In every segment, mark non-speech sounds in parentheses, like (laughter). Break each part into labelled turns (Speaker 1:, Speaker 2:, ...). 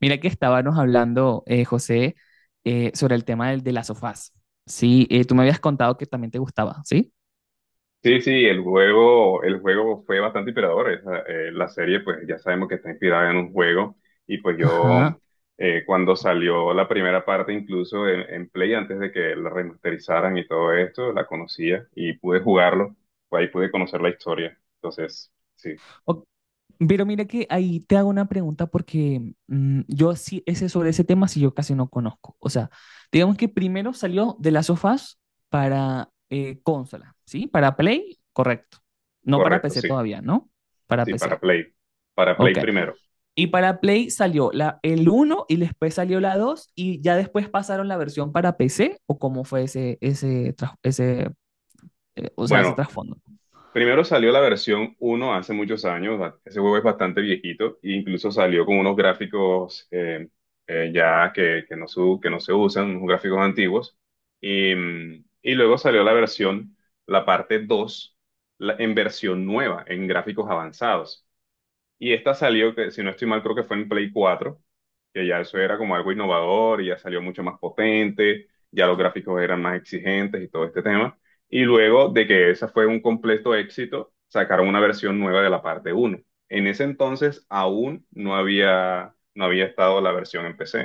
Speaker 1: Mira que estábamos hablando, José, sobre el tema de las sofás. Sí, tú me habías contado que también te gustaba, ¿sí?
Speaker 2: Sí, el juego fue bastante inspirador. La serie, pues ya sabemos que está inspirada en un juego. Y pues yo,
Speaker 1: Ajá.
Speaker 2: cuando salió la primera parte, incluso en Play, antes de que la remasterizaran y todo esto, la conocía y pude jugarlo. Pues ahí pude conocer la historia. Entonces, sí,
Speaker 1: O- pero mira que ahí te hago una pregunta porque yo sí, ese, sobre ese tema sí yo casi no conozco. O sea, digamos que primero salió de las sofás para consola, ¿sí? Para Play, correcto. No para
Speaker 2: correcto,
Speaker 1: PC
Speaker 2: sí,
Speaker 1: todavía, ¿no? Para
Speaker 2: sí,
Speaker 1: PC.
Speaker 2: Para Play
Speaker 1: Ok.
Speaker 2: primero.
Speaker 1: Y para Play salió el uno y después salió la 2 y ya después pasaron la versión para PC. ¿O cómo fue o sea, ese
Speaker 2: Bueno,
Speaker 1: trasfondo?
Speaker 2: primero salió la versión 1 hace muchos años, ese juego es bastante viejito, e incluso salió con unos gráficos ya que no se, que no se usan, unos gráficos antiguos, y, y luego salió la versión, la parte 2, en versión nueva, en gráficos avanzados. Y esta salió, que si no estoy mal, creo que fue en Play 4, que ya eso era como algo innovador y ya salió mucho más potente, ya los gráficos eran más exigentes y todo este tema. Y luego de que esa fue un completo éxito, sacaron una versión nueva de la parte 1. En ese entonces aún no había estado la versión en PC.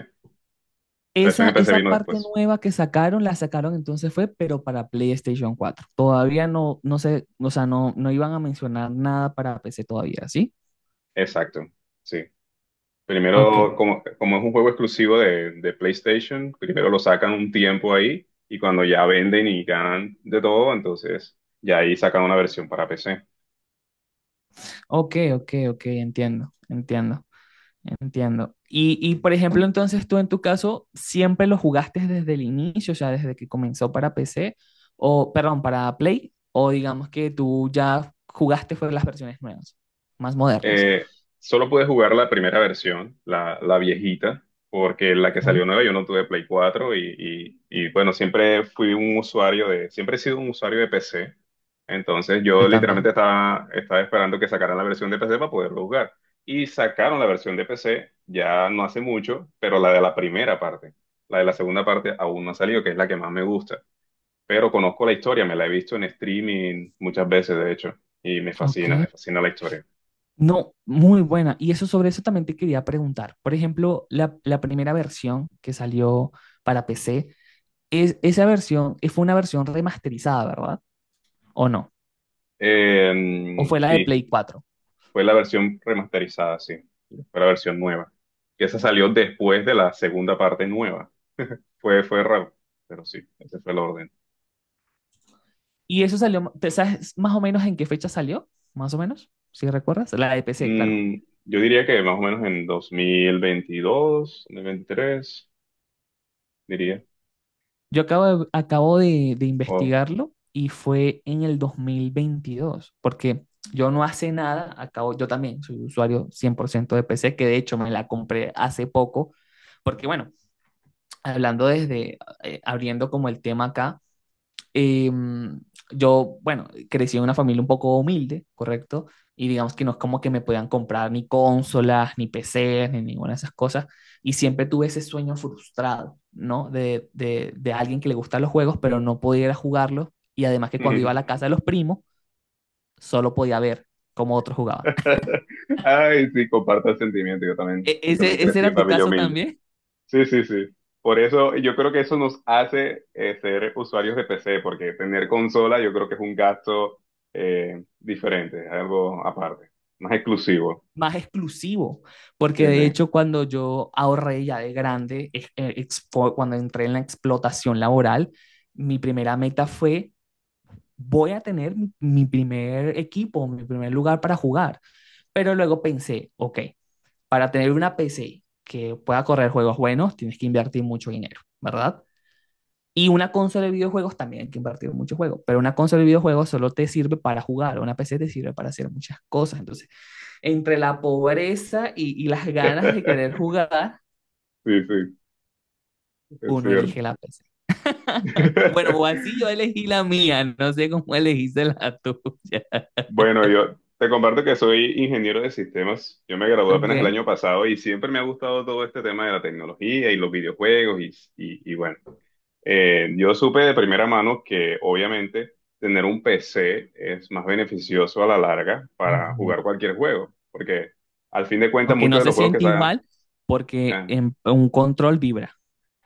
Speaker 2: La versión
Speaker 1: Esa,
Speaker 2: en PC
Speaker 1: esa
Speaker 2: vino
Speaker 1: parte
Speaker 2: después.
Speaker 1: nueva que sacaron, la sacaron entonces fue, pero para PlayStation cuatro. Todavía no, no sé, o sea, no, no iban a mencionar nada para PC todavía, ¿sí?
Speaker 2: Exacto. Sí.
Speaker 1: Ok,
Speaker 2: Primero, como es un juego exclusivo de PlayStation, primero lo sacan un tiempo ahí y cuando ya venden y ganan de todo, entonces ya ahí sacan una versión para PC.
Speaker 1: ok, ok, ok, entiendo, entiendo. Entiendo. Y, por ejemplo, entonces tú en tu caso siempre lo jugaste desde el inicio, o sea, desde que comenzó para PC, o perdón, para Play, o digamos que tú ya jugaste fue las versiones nuevas, más modernas.
Speaker 2: Eh, Solo pude jugar la primera versión, la viejita, porque la que
Speaker 1: Ujú.
Speaker 2: salió nueva yo no tuve Play 4 y bueno, siempre he sido un usuario de PC. Entonces yo
Speaker 1: Yo
Speaker 2: literalmente
Speaker 1: también.
Speaker 2: estaba esperando que sacaran la versión de PC para poderlo jugar. Y sacaron la versión de PC ya no hace mucho, pero la de la primera parte. La de la segunda parte aún no ha salido, que es la que más me gusta. Pero conozco la historia, me la he visto en streaming muchas veces, de hecho, y
Speaker 1: Ok.
Speaker 2: me fascina la historia.
Speaker 1: No, muy buena. Y eso sobre eso también te quería preguntar. Por ejemplo, la primera versión que salió para PC, esa versión fue una versión remasterizada, ¿verdad? ¿O no? ¿O fue la de
Speaker 2: Sí,
Speaker 1: Play cuatro?
Speaker 2: fue la versión remasterizada, sí. Fue la versión nueva. Que esa salió después de la segunda parte nueva. Fue raro, pero sí, ese fue el orden.
Speaker 1: Y eso salió, ¿te sabes más o menos en qué fecha salió? Más o menos, si recuerdas. La de PC, claro.
Speaker 2: Mm, yo diría que más o menos en dos mil veintidós, dos mil veintitrés, diría.
Speaker 1: Yo acabo de
Speaker 2: Oh.
Speaker 1: investigarlo y fue en el 2022, porque yo no hace nada, acabo, yo también soy usuario 100% de PC, que de hecho me la compré hace poco, porque bueno, hablando desde, abriendo como el tema acá. Eh, yo, bueno, crecí en una familia un poco humilde, ¿correcto? Y digamos que no es como que me podían comprar ni consolas, ni PCs, ni ninguna de esas cosas. Y siempre tuve ese sueño frustrado, ¿no? De alguien que le gustan los juegos, pero no podía ir a jugarlos. Y además que cuando iba a la
Speaker 2: (laughs)
Speaker 1: casa de los primos, solo podía ver cómo otros jugaban.
Speaker 2: Ay, sí, comparto el sentimiento.
Speaker 1: (laughs)
Speaker 2: Yo también
Speaker 1: ¿Ese
Speaker 2: crecí en
Speaker 1: era tu
Speaker 2: familia
Speaker 1: caso
Speaker 2: humilde.
Speaker 1: también?
Speaker 2: Sí, sí, sí. Por eso yo creo que eso nos hace ser usuarios de PC, porque tener consola yo creo que es un gasto diferente, algo aparte, más exclusivo.
Speaker 1: Más exclusivo,
Speaker 2: Sí,
Speaker 1: porque de
Speaker 2: sí.
Speaker 1: hecho cuando yo ahorré ya de grande, cuando entré en la explotación laboral, mi primera meta fue, voy a tener mi primer equipo, mi primer lugar para jugar. Pero luego pensé, ok, para tener una PC que pueda correr juegos buenos, tienes que invertir mucho dinero, ¿verdad? Y una consola de videojuegos también hay que invertir mucho juego, pero una consola de videojuegos solo te sirve para jugar, una PC te sirve para hacer muchas cosas. Entonces, entre la pobreza y, las ganas de querer
Speaker 2: (laughs)
Speaker 1: jugar,
Speaker 2: Sí, sí, es
Speaker 1: uno
Speaker 2: cierto.
Speaker 1: elige la PC. Bueno, o así yo
Speaker 2: (laughs)
Speaker 1: elegí la mía, no sé cómo elegiste la tuya.
Speaker 2: Bueno, yo te comparto que soy ingeniero de sistemas. Yo me
Speaker 1: (laughs)
Speaker 2: gradué
Speaker 1: ¿Ok?
Speaker 2: apenas el año pasado y siempre me ha gustado todo este tema de la tecnología y los videojuegos y bueno. Yo supe de primera mano que obviamente tener un PC es más beneficioso a la larga para
Speaker 1: Ujú.
Speaker 2: jugar cualquier juego, porque al fin de cuentas
Speaker 1: Aunque
Speaker 2: muchos
Speaker 1: no
Speaker 2: de
Speaker 1: se
Speaker 2: los juegos
Speaker 1: siente igual, porque
Speaker 2: eh,
Speaker 1: un control vibra.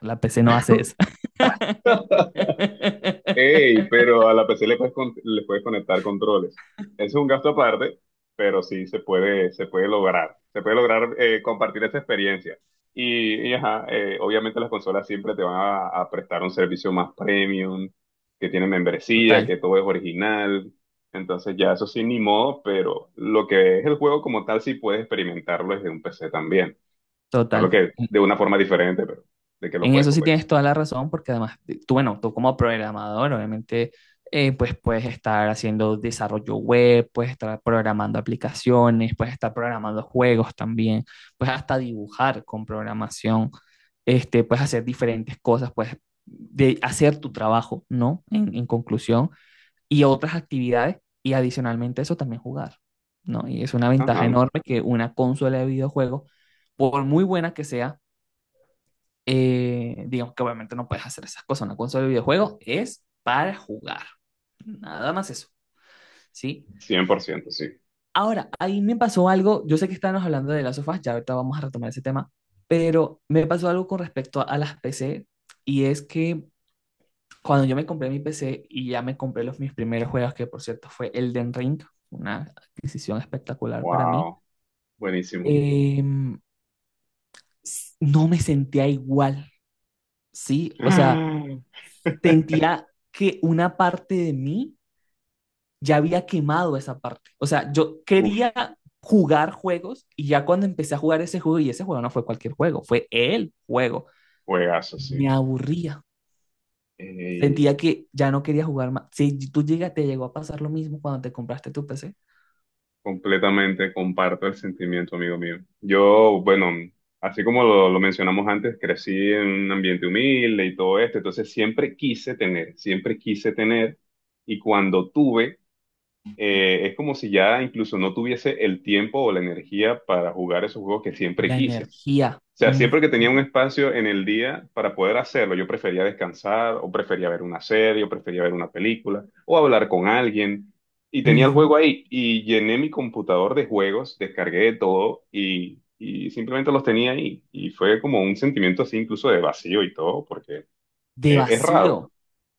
Speaker 1: La PC no hace eso. (laughs)
Speaker 2: ey, pero a la PC le puedes, le puedes conectar controles. Ese es un gasto aparte, pero sí se puede lograr. Se puede lograr compartir esa experiencia. Y ajá, obviamente las consolas siempre te van a prestar un servicio más premium, que tiene membresía,
Speaker 1: Total,
Speaker 2: que todo es original. Entonces ya eso sí, ni modo, pero lo que es el juego como tal sí puedes experimentarlo desde un PC también. Solo
Speaker 1: total.
Speaker 2: que de una forma diferente, pero de que lo
Speaker 1: En
Speaker 2: puedes,
Speaker 1: eso
Speaker 2: lo
Speaker 1: sí tienes
Speaker 2: puedes.
Speaker 1: toda la razón, porque además, tú, bueno, tú como programador, obviamente, pues puedes estar haciendo desarrollo web, puedes estar programando aplicaciones, puedes estar programando juegos también, puedes hasta dibujar con programación, este, puedes hacer diferentes cosas, puedes de hacer tu trabajo, ¿no? En conclusión, y otras actividades, y adicionalmente a eso también jugar, ¿no? Y es una ventaja
Speaker 2: Ajá,
Speaker 1: enorme que una consola de videojuegos, por muy buena que sea, digamos que obviamente no puedes hacer esas cosas. Una consola de videojuegos es para jugar. Nada más eso, ¿sí?
Speaker 2: 100%, sí.
Speaker 1: Ahora, ahí me pasó algo. Yo sé que estábamos hablando de las sofás, ya ahorita vamos a retomar ese tema, pero me pasó algo con respecto a las PC. Y es que cuando yo me compré mi PC y ya me compré los mis primeros juegos, que por cierto fue Elden Ring, una adquisición espectacular para mí,
Speaker 2: Wow. Buenísimo.
Speaker 1: em, no me sentía igual, ¿sí? O sea,
Speaker 2: Ah. (laughs)
Speaker 1: sentía que una parte de mí ya había quemado esa parte. O sea, yo quería
Speaker 2: Uf,
Speaker 1: jugar juegos y ya cuando empecé a jugar ese juego, y ese juego no fue cualquier juego, fue el juego,
Speaker 2: juegazo, sí.
Speaker 1: me aburría.
Speaker 2: Eh,
Speaker 1: Sentía que ya no quería jugar más. Si tú llegas, te llegó a pasar lo mismo cuando te compraste tu PC.
Speaker 2: Completamente comparto el sentimiento, amigo mío. Yo, bueno, así como lo mencionamos antes, crecí en un ambiente humilde y todo esto, entonces siempre quise tener, y cuando tuve, es como si ya incluso no tuviese el tiempo o la energía para jugar esos juegos que siempre
Speaker 1: La
Speaker 2: quise.
Speaker 1: energía,
Speaker 2: O sea,
Speaker 1: ujú,
Speaker 2: siempre que tenía un espacio en el día para poder hacerlo, yo prefería descansar o prefería ver una serie o prefería ver una película o hablar con alguien. Y tenía el
Speaker 1: ujú,
Speaker 2: juego ahí y llené mi computador de juegos, descargué de todo y simplemente los tenía ahí. Y fue como un sentimiento así incluso de vacío y todo, porque
Speaker 1: de
Speaker 2: es raro,
Speaker 1: vacío,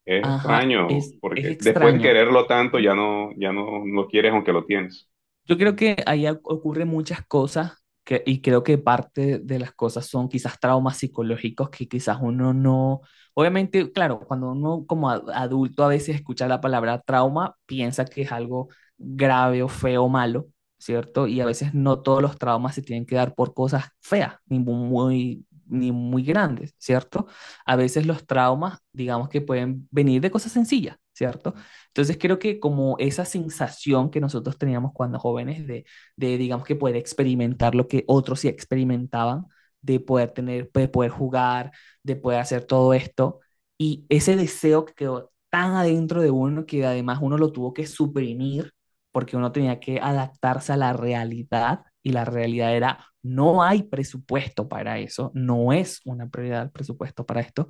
Speaker 2: es
Speaker 1: ajá,
Speaker 2: extraño,
Speaker 1: es
Speaker 2: porque después de
Speaker 1: extraño.
Speaker 2: quererlo tanto
Speaker 1: Ujú.
Speaker 2: ya no, ya no lo quieres aunque lo tienes.
Speaker 1: Yo creo que ahí ocurren muchas cosas que, y creo que parte de las cosas son quizás traumas psicológicos que quizás uno no, obviamente, claro, cuando uno como adulto a veces escucha la palabra trauma, piensa que es algo grave o feo o malo, ¿cierto? Y a veces no todos los traumas se tienen que dar por cosas feas, ni muy, ni muy grandes, ¿cierto? A veces los traumas, digamos que pueden venir de cosas sencillas, ¿cierto? Entonces creo que como esa sensación que nosotros teníamos cuando jóvenes de, digamos que poder experimentar lo que otros sí experimentaban, de poder tener, de poder jugar, de poder hacer todo esto, y ese deseo que quedó tan adentro de uno que además uno lo tuvo que suprimir porque uno tenía que adaptarse a la realidad y la realidad era no hay presupuesto para eso, no es una prioridad el presupuesto para esto,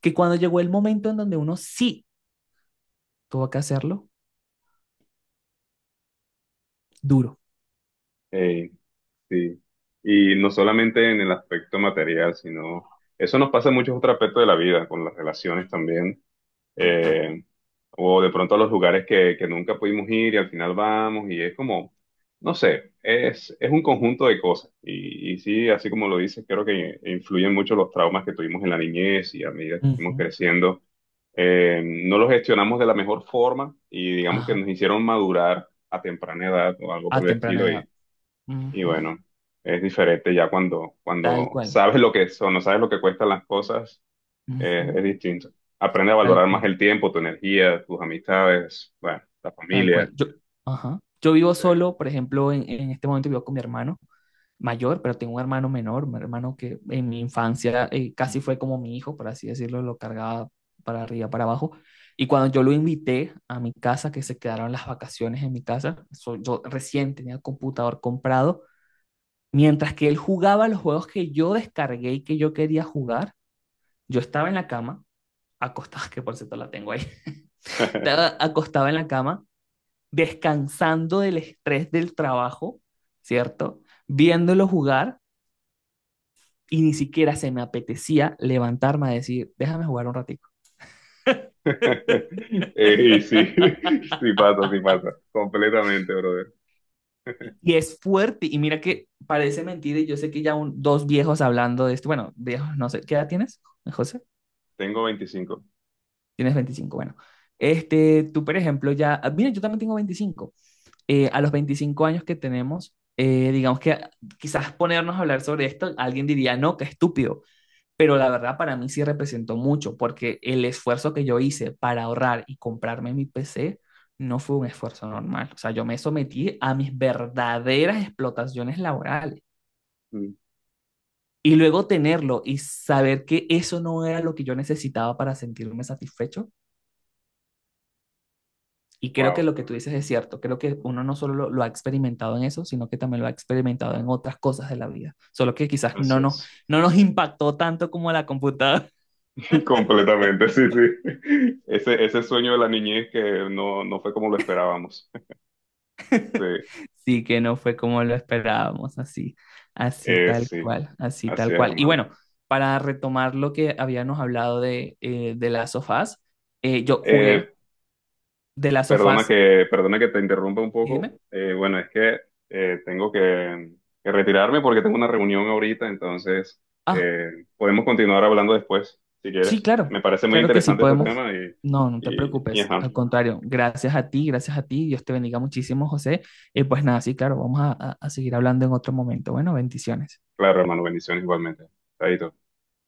Speaker 1: que cuando llegó el momento en donde uno sí tuvo que hacerlo, duro.
Speaker 2: Ey, sí. Y no solamente en el aspecto material, sino eso nos pasa en muchos otros aspectos de la vida, con las relaciones también, eh, o de pronto a los lugares que nunca pudimos ir y al final vamos y es como, no sé, es un conjunto de cosas. Y sí, así como lo dices, creo que influyen mucho los traumas que tuvimos en la niñez y a medida que fuimos
Speaker 1: Ujú.
Speaker 2: creciendo, no los gestionamos de la mejor forma y digamos que
Speaker 1: Ajá.
Speaker 2: nos hicieron madurar a temprana edad o algo por
Speaker 1: A
Speaker 2: el
Speaker 1: temprana
Speaker 2: estilo
Speaker 1: edad.
Speaker 2: y
Speaker 1: Ujú.
Speaker 2: bueno, es diferente ya cuando,
Speaker 1: Tal
Speaker 2: cuando
Speaker 1: cual.
Speaker 2: sabes lo que son, no sabes lo que cuestan las cosas,
Speaker 1: Ujú.
Speaker 2: es distinto. Aprende a
Speaker 1: Tal
Speaker 2: valorar más
Speaker 1: cual,
Speaker 2: el tiempo, tu energía, tus amistades, bueno, la
Speaker 1: tal cual.
Speaker 2: familia.
Speaker 1: Ajá. Yo vivo
Speaker 2: Sí.
Speaker 1: solo, por ejemplo, en este momento vivo con mi hermano mayor, pero tengo un hermano menor, un hermano que en mi infancia casi fue como mi hijo, por así decirlo, lo cargaba para arriba, para abajo. Y cuando yo lo invité a mi casa, que se quedaron las vacaciones en mi casa, yo recién tenía el computador comprado, mientras que él jugaba los juegos que yo descargué y que yo quería jugar, yo estaba en la cama acostada, (laughs) que por cierto la tengo ahí, estaba acostada en la cama, descansando del estrés del trabajo, ¿cierto? Viéndolo jugar y ni siquiera se me apetecía levantarme a decir, déjame jugar un ratico.
Speaker 2: (laughs) Y sí,
Speaker 1: (laughs)
Speaker 2: (laughs) sí pasa, completamente, brother.
Speaker 1: Y es fuerte, y mira que parece mentira, y yo sé que ya dos viejos hablando de esto, bueno, viejos, no sé, ¿qué edad tienes, José?
Speaker 2: Tengo 25.
Speaker 1: Tienes 25, bueno. Este, tú, por ejemplo, ya, mira, yo también tengo 25. A los 25 años que tenemos, digamos que quizás ponernos a hablar sobre esto, alguien diría, no, qué estúpido, pero la verdad para mí sí representó mucho, porque el esfuerzo que yo hice para ahorrar y comprarme mi PC no fue un esfuerzo normal. O sea, yo me sometí a mis verdaderas explotaciones laborales.
Speaker 2: Mm,
Speaker 1: Y luego tenerlo y saber que eso no era lo que yo necesitaba para sentirme satisfecho. Y creo que
Speaker 2: Wow,
Speaker 1: lo que tú dices es cierto. Creo que uno no solo lo ha experimentado en eso, sino que también lo ha experimentado en otras cosas de la vida. Solo que quizás no
Speaker 2: así
Speaker 1: nos,
Speaker 2: es.
Speaker 1: no nos impactó tanto como la computadora.
Speaker 2: (laughs) Completamente, sí, sí. Ese sueño de la niñez que no, no fue como lo esperábamos. (laughs) Sí,
Speaker 1: (laughs) Sí que no fue como lo esperábamos, así, así tal
Speaker 2: sí,
Speaker 1: cual, así
Speaker 2: así
Speaker 1: tal
Speaker 2: es,
Speaker 1: cual. Y
Speaker 2: hermano.
Speaker 1: bueno, para retomar lo que habíamos hablado de las sofás, yo jugué
Speaker 2: Eh,
Speaker 1: de las
Speaker 2: Perdona
Speaker 1: sofás.
Speaker 2: perdona que te interrumpa un poco.
Speaker 1: Dime.
Speaker 2: Bueno, es que tengo que retirarme porque tengo una reunión ahorita, entonces
Speaker 1: Ah,
Speaker 2: podemos continuar hablando después, si
Speaker 1: sí,
Speaker 2: quieres.
Speaker 1: claro,
Speaker 2: Me parece muy
Speaker 1: claro que sí
Speaker 2: interesante este
Speaker 1: podemos.
Speaker 2: tema
Speaker 1: No, no te
Speaker 2: y
Speaker 1: preocupes,
Speaker 2: ajá.
Speaker 1: al contrario, gracias a ti, Dios te bendiga muchísimo, José. Y pues nada, sí, claro, vamos a, seguir hablando en otro momento. Bueno, bendiciones.
Speaker 2: Claro, hermano, bendiciones igualmente. Chaito.